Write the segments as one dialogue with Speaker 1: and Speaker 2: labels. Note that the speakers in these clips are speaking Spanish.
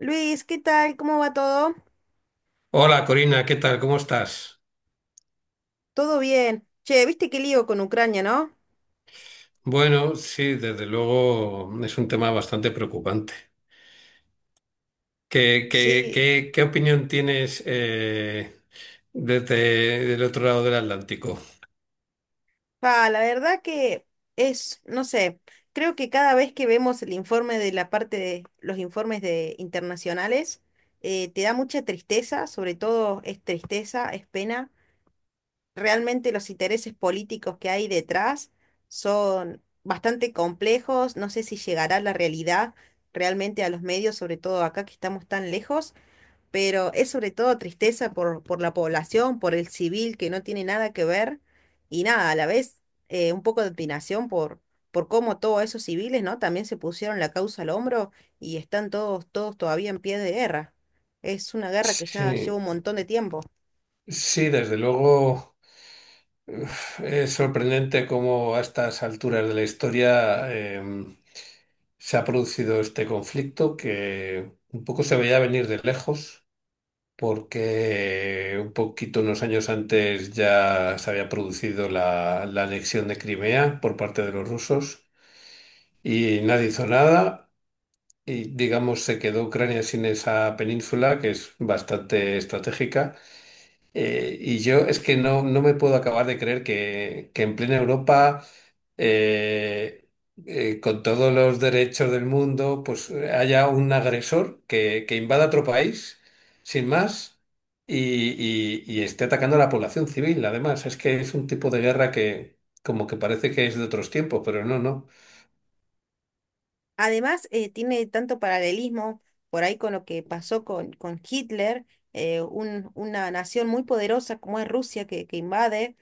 Speaker 1: Luis, ¿qué tal? ¿Cómo va todo?
Speaker 2: Hola Corina, ¿qué tal? ¿Cómo estás?
Speaker 1: Todo bien. Che, ¿viste qué lío con Ucrania, no?
Speaker 2: Bueno, sí, desde luego es un tema bastante preocupante. ¿Qué, qué,
Speaker 1: Sí.
Speaker 2: qué, qué opinión tienes desde el otro lado del Atlántico?
Speaker 1: Pa, la verdad que es, no sé, creo que cada vez que vemos el informe de la parte de los informes de internacionales, te da mucha tristeza, sobre todo es tristeza, es pena. Realmente los intereses políticos que hay detrás son bastante complejos. No sé si llegará la realidad realmente a los medios, sobre todo acá que estamos tan lejos, pero es sobre todo tristeza por la población, por el civil que no tiene nada que ver. Y nada, a la vez un poco de opinación por cómo todos esos civiles, ¿no? También se pusieron la causa al hombro y están todos todavía en pie de guerra. Es una guerra que ya lleva
Speaker 2: Sí,
Speaker 1: un montón de tiempo.
Speaker 2: sí, desde luego, uf, es sorprendente cómo a estas alturas de la historia se ha producido este conflicto que un poco se veía venir de lejos, porque un poquito unos años antes ya se había producido la anexión de Crimea por parte de los rusos y nadie hizo nada, y digamos se quedó Ucrania sin esa península que es bastante estratégica. Y yo es que no me puedo acabar de creer que en plena Europa, eh, con todos los derechos del mundo, pues haya un agresor que invada otro país, sin más, y esté atacando a la población civil. Además, es que es un tipo de guerra que como que parece que es de otros tiempos, pero no, no.
Speaker 1: Además, tiene tanto paralelismo por ahí con lo que pasó con Hitler, una nación muy poderosa como es Rusia que invade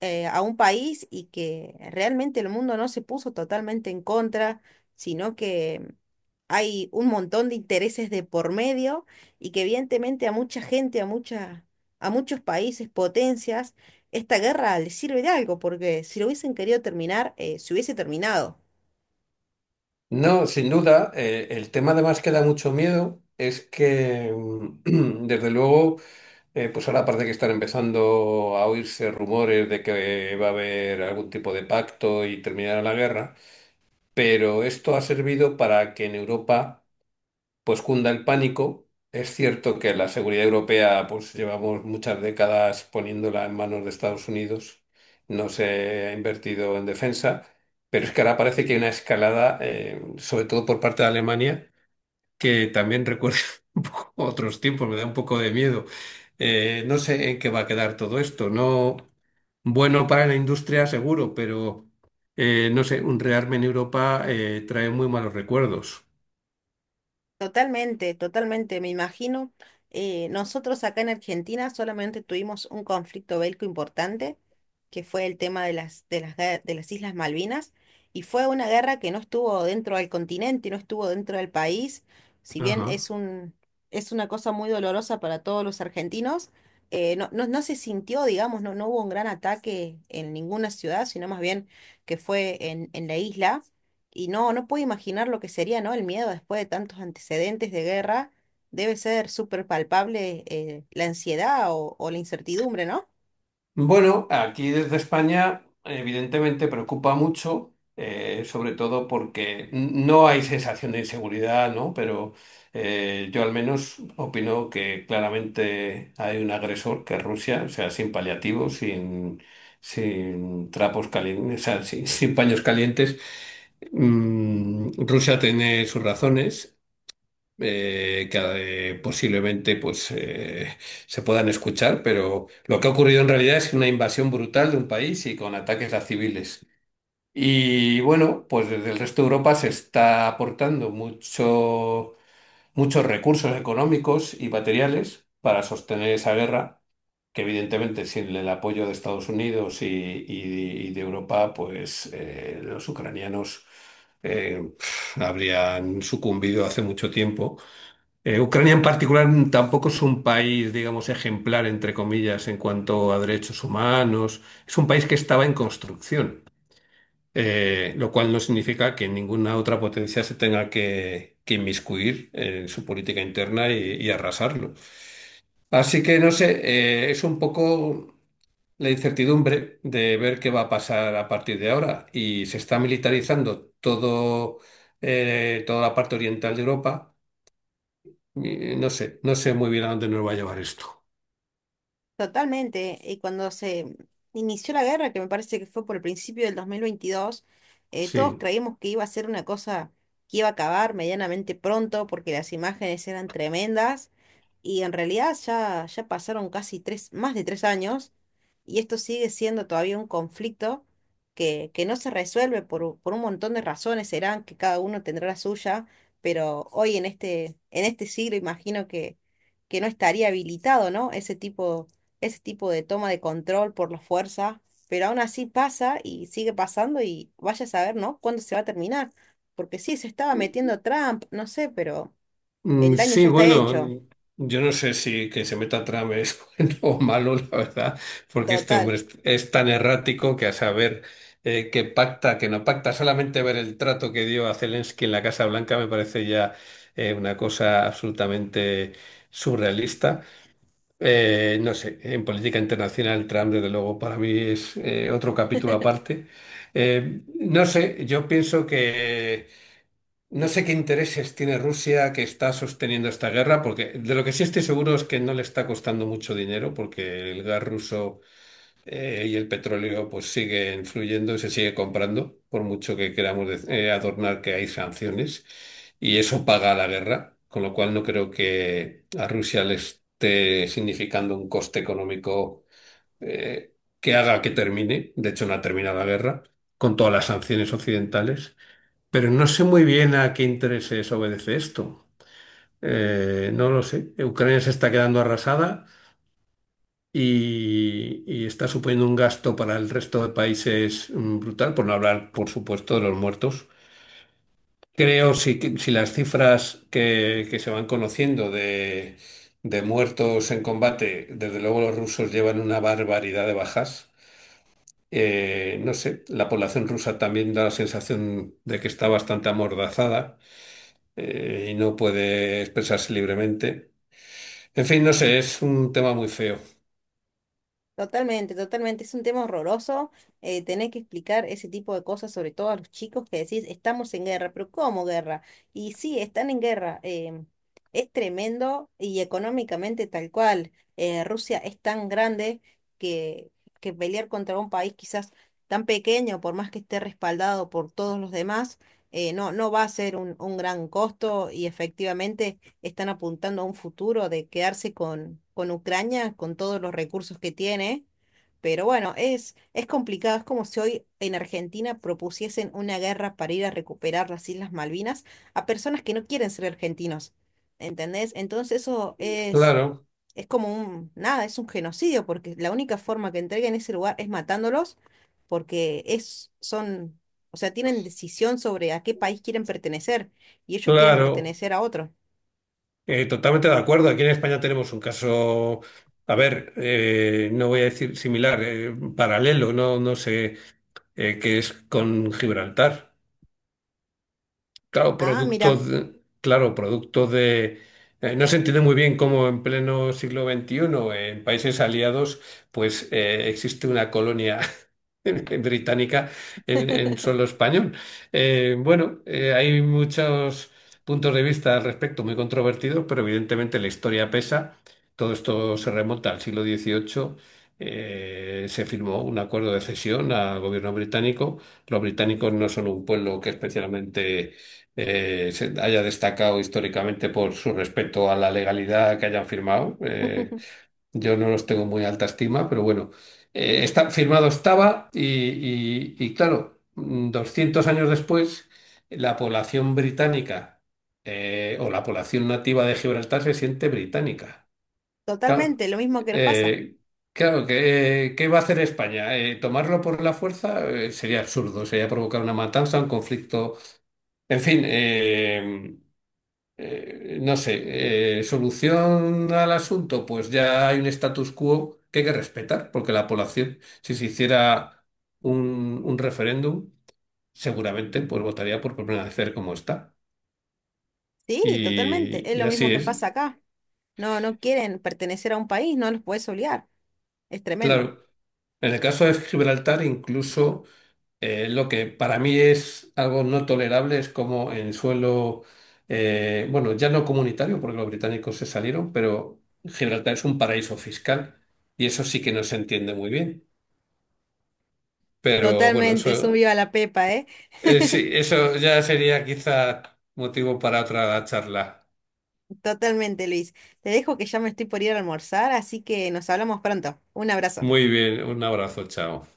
Speaker 1: a un país, y que realmente el mundo no se puso totalmente en contra, sino que hay un montón de intereses de por medio, y que evidentemente a mucha gente, a mucha, a muchos países, potencias, esta guerra les sirve de algo, porque si lo hubiesen querido terminar, se hubiese terminado.
Speaker 2: No, sin duda, el tema además que da mucho miedo es que, desde luego, pues ahora parece que están empezando a oírse rumores de que va a haber algún tipo de pacto y terminará la guerra, pero esto ha servido para que en Europa pues cunda el pánico. Es cierto que la seguridad europea pues llevamos muchas décadas poniéndola en manos de Estados Unidos, no se ha invertido en defensa, pero es que ahora parece que hay una escalada, sobre todo por parte de Alemania, que también recuerda un poco otros tiempos, me da un poco de miedo. No sé en qué va a quedar todo esto. No, bueno, para la industria seguro, pero no sé, un rearme en Europa trae muy malos recuerdos.
Speaker 1: Totalmente, totalmente, me imagino. Nosotros acá en Argentina solamente tuvimos un conflicto bélico importante, que fue el tema de de las Islas Malvinas, y fue una guerra que no estuvo dentro del continente, no estuvo dentro del país. Si bien
Speaker 2: Ajá.
Speaker 1: es un, es una cosa muy dolorosa para todos los argentinos, no se sintió, digamos, no hubo un gran ataque en ninguna ciudad, sino más bien que fue en la isla. Y no, no puedo imaginar lo que sería, ¿no? El miedo después de tantos antecedentes de guerra. Debe ser súper palpable la ansiedad o la incertidumbre, ¿no?
Speaker 2: Bueno, aquí desde España evidentemente preocupa mucho, sobre todo porque no hay sensación de inseguridad, ¿no? Pero yo al menos opino que claramente hay un agresor que es Rusia, o sea, sin paliativos, sin trapos calientes, o sea, sin, sin paños calientes. Rusia tiene sus razones que posiblemente pues, se puedan escuchar, pero lo que ha ocurrido en realidad es una invasión brutal de un país y con ataques a civiles. Y bueno, pues desde el resto de Europa se está aportando mucho, muchos recursos económicos y materiales para sostener esa guerra, que evidentemente sin el apoyo de Estados Unidos y de Europa, pues los ucranianos eh, habrían sucumbido hace mucho tiempo. Ucrania en particular tampoco es un país, digamos, ejemplar, entre comillas, en cuanto a derechos humanos. Es un país que estaba en construcción, lo cual no significa que ninguna otra potencia se tenga que inmiscuir en su política interna y arrasarlo. Así que, no sé, es un poco la incertidumbre de ver qué va a pasar a partir de ahora. Y se está militarizando todo, toda la parte oriental de Europa. No sé, no sé muy bien a dónde nos va a llevar esto.
Speaker 1: Totalmente. Y cuando se inició la guerra, que me parece que fue por el principio del 2022,
Speaker 2: Sí.
Speaker 1: todos creímos que iba a ser una cosa que iba a acabar medianamente pronto porque las imágenes eran tremendas. Y en realidad ya pasaron más de tres años y esto sigue siendo todavía un conflicto que no se resuelve por un montón de razones. Serán que cada uno tendrá la suya, pero hoy en en este siglo imagino que no estaría habilitado, ¿no? Ese tipo de toma de control por la fuerza, pero aún así pasa y sigue pasando, y vaya a saber, ¿no? ¿Cuándo se va a terminar? Porque sí, se estaba metiendo Trump, no sé, pero
Speaker 2: Mm,
Speaker 1: el daño ya
Speaker 2: Sí,
Speaker 1: está hecho.
Speaker 2: bueno, yo no sé si que se meta Trump es bueno o malo, la verdad, porque este hombre
Speaker 1: Total.
Speaker 2: es tan errático que a saber que pacta, que no pacta. Solamente ver el trato que dio a Zelensky en la Casa Blanca me parece ya una cosa absolutamente surrealista. No sé, en política internacional Trump, desde luego, para mí es otro capítulo aparte. No sé, yo pienso que no sé qué intereses tiene Rusia, que está sosteniendo esta guerra, porque de lo que sí estoy seguro es que no le está costando mucho dinero, porque el gas ruso y el petróleo pues sigue influyendo y se sigue comprando, por mucho que queramos adornar que hay sanciones, y eso paga la guerra, con lo cual no creo que a Rusia le esté significando un coste económico eh, que haga que termine. De hecho, no ha terminado la guerra, con todas las sanciones occidentales, pero no sé muy bien a qué intereses obedece esto. No lo sé. Ucrania se está quedando arrasada, y está suponiendo un gasto para el resto de países, brutal, por no hablar, por supuesto, de los muertos. Creo si, si las cifras que se van conociendo de muertos en combate, desde luego los rusos llevan una barbaridad de bajas. No sé, la población rusa también da la sensación de que está bastante amordazada, y no puede expresarse libremente. En fin, no sé, es un tema muy feo.
Speaker 1: Totalmente, totalmente. Es un tema horroroso. Tener que explicar ese tipo de cosas, sobre todo a los chicos que decís, estamos en guerra, pero ¿cómo guerra? Y sí, están en guerra. Es tremendo y económicamente tal cual. Rusia es tan grande que, que pelear contra un país quizás tan pequeño, por más que esté respaldado por todos los demás, no va a ser un gran costo, y efectivamente están apuntando a un futuro de quedarse con Ucrania, con todos los recursos que tiene. Pero bueno, es complicado. Es como si hoy en Argentina propusiesen una guerra para ir a recuperar las Islas Malvinas a personas que no quieren ser argentinos, ¿entendés? Entonces eso
Speaker 2: Claro,
Speaker 1: es como un, nada, es un genocidio, porque la única forma que entreguen ese lugar es matándolos, porque es, son, o sea, tienen decisión sobre a qué país quieren pertenecer, y ellos quieren
Speaker 2: claro.
Speaker 1: pertenecer a otro.
Speaker 2: Totalmente de acuerdo. Aquí en España tenemos un caso, a ver, no voy a decir similar, paralelo, no, no sé, que es con Gibraltar.
Speaker 1: Ah, mira.
Speaker 2: Claro, producto de, no se entiende muy bien cómo en pleno siglo XXI, en países aliados, pues existe una colonia británica en suelo español. Bueno, hay muchos puntos de vista al respecto muy controvertidos, pero evidentemente la historia pesa. Todo esto se remonta al siglo XVIII. Se firmó un acuerdo de cesión al gobierno británico. Los británicos no son un pueblo que especialmente se haya destacado históricamente por su respeto a la legalidad que hayan firmado. Yo no los tengo muy alta estima, pero bueno, firmado estaba, y claro, 200 años después, la población británica o la población nativa de Gibraltar se siente británica. Claro,
Speaker 1: Totalmente, lo mismo que nos pasa.
Speaker 2: eh, claro, ¿qué va a hacer España? ¿Tomarlo por la fuerza? Sería absurdo, sería provocar una matanza, un conflicto. En fin, no sé, solución al asunto, pues ya hay un status quo que hay que respetar, porque la población, si se hiciera un referéndum, seguramente pues votaría por permanecer como está.
Speaker 1: Sí, totalmente, es
Speaker 2: Y
Speaker 1: lo mismo
Speaker 2: así
Speaker 1: que
Speaker 2: es.
Speaker 1: pasa acá. No, no quieren pertenecer a un país, no los puedes obligar. Es tremendo.
Speaker 2: Claro, en el caso de Gibraltar, incluso... Lo que para mí es algo no tolerable es como en suelo, bueno, ya no comunitario, porque los británicos se salieron, pero Gibraltar es un paraíso fiscal y eso sí que no se entiende muy bien. Pero bueno,
Speaker 1: Totalmente, es un viva la pepa, ¿eh?
Speaker 2: sí, eso ya sería quizá motivo para otra charla.
Speaker 1: Totalmente, Luis. Te dejo que ya me estoy por ir a almorzar, así que nos hablamos pronto. Un abrazo.
Speaker 2: Muy bien, un abrazo, chao.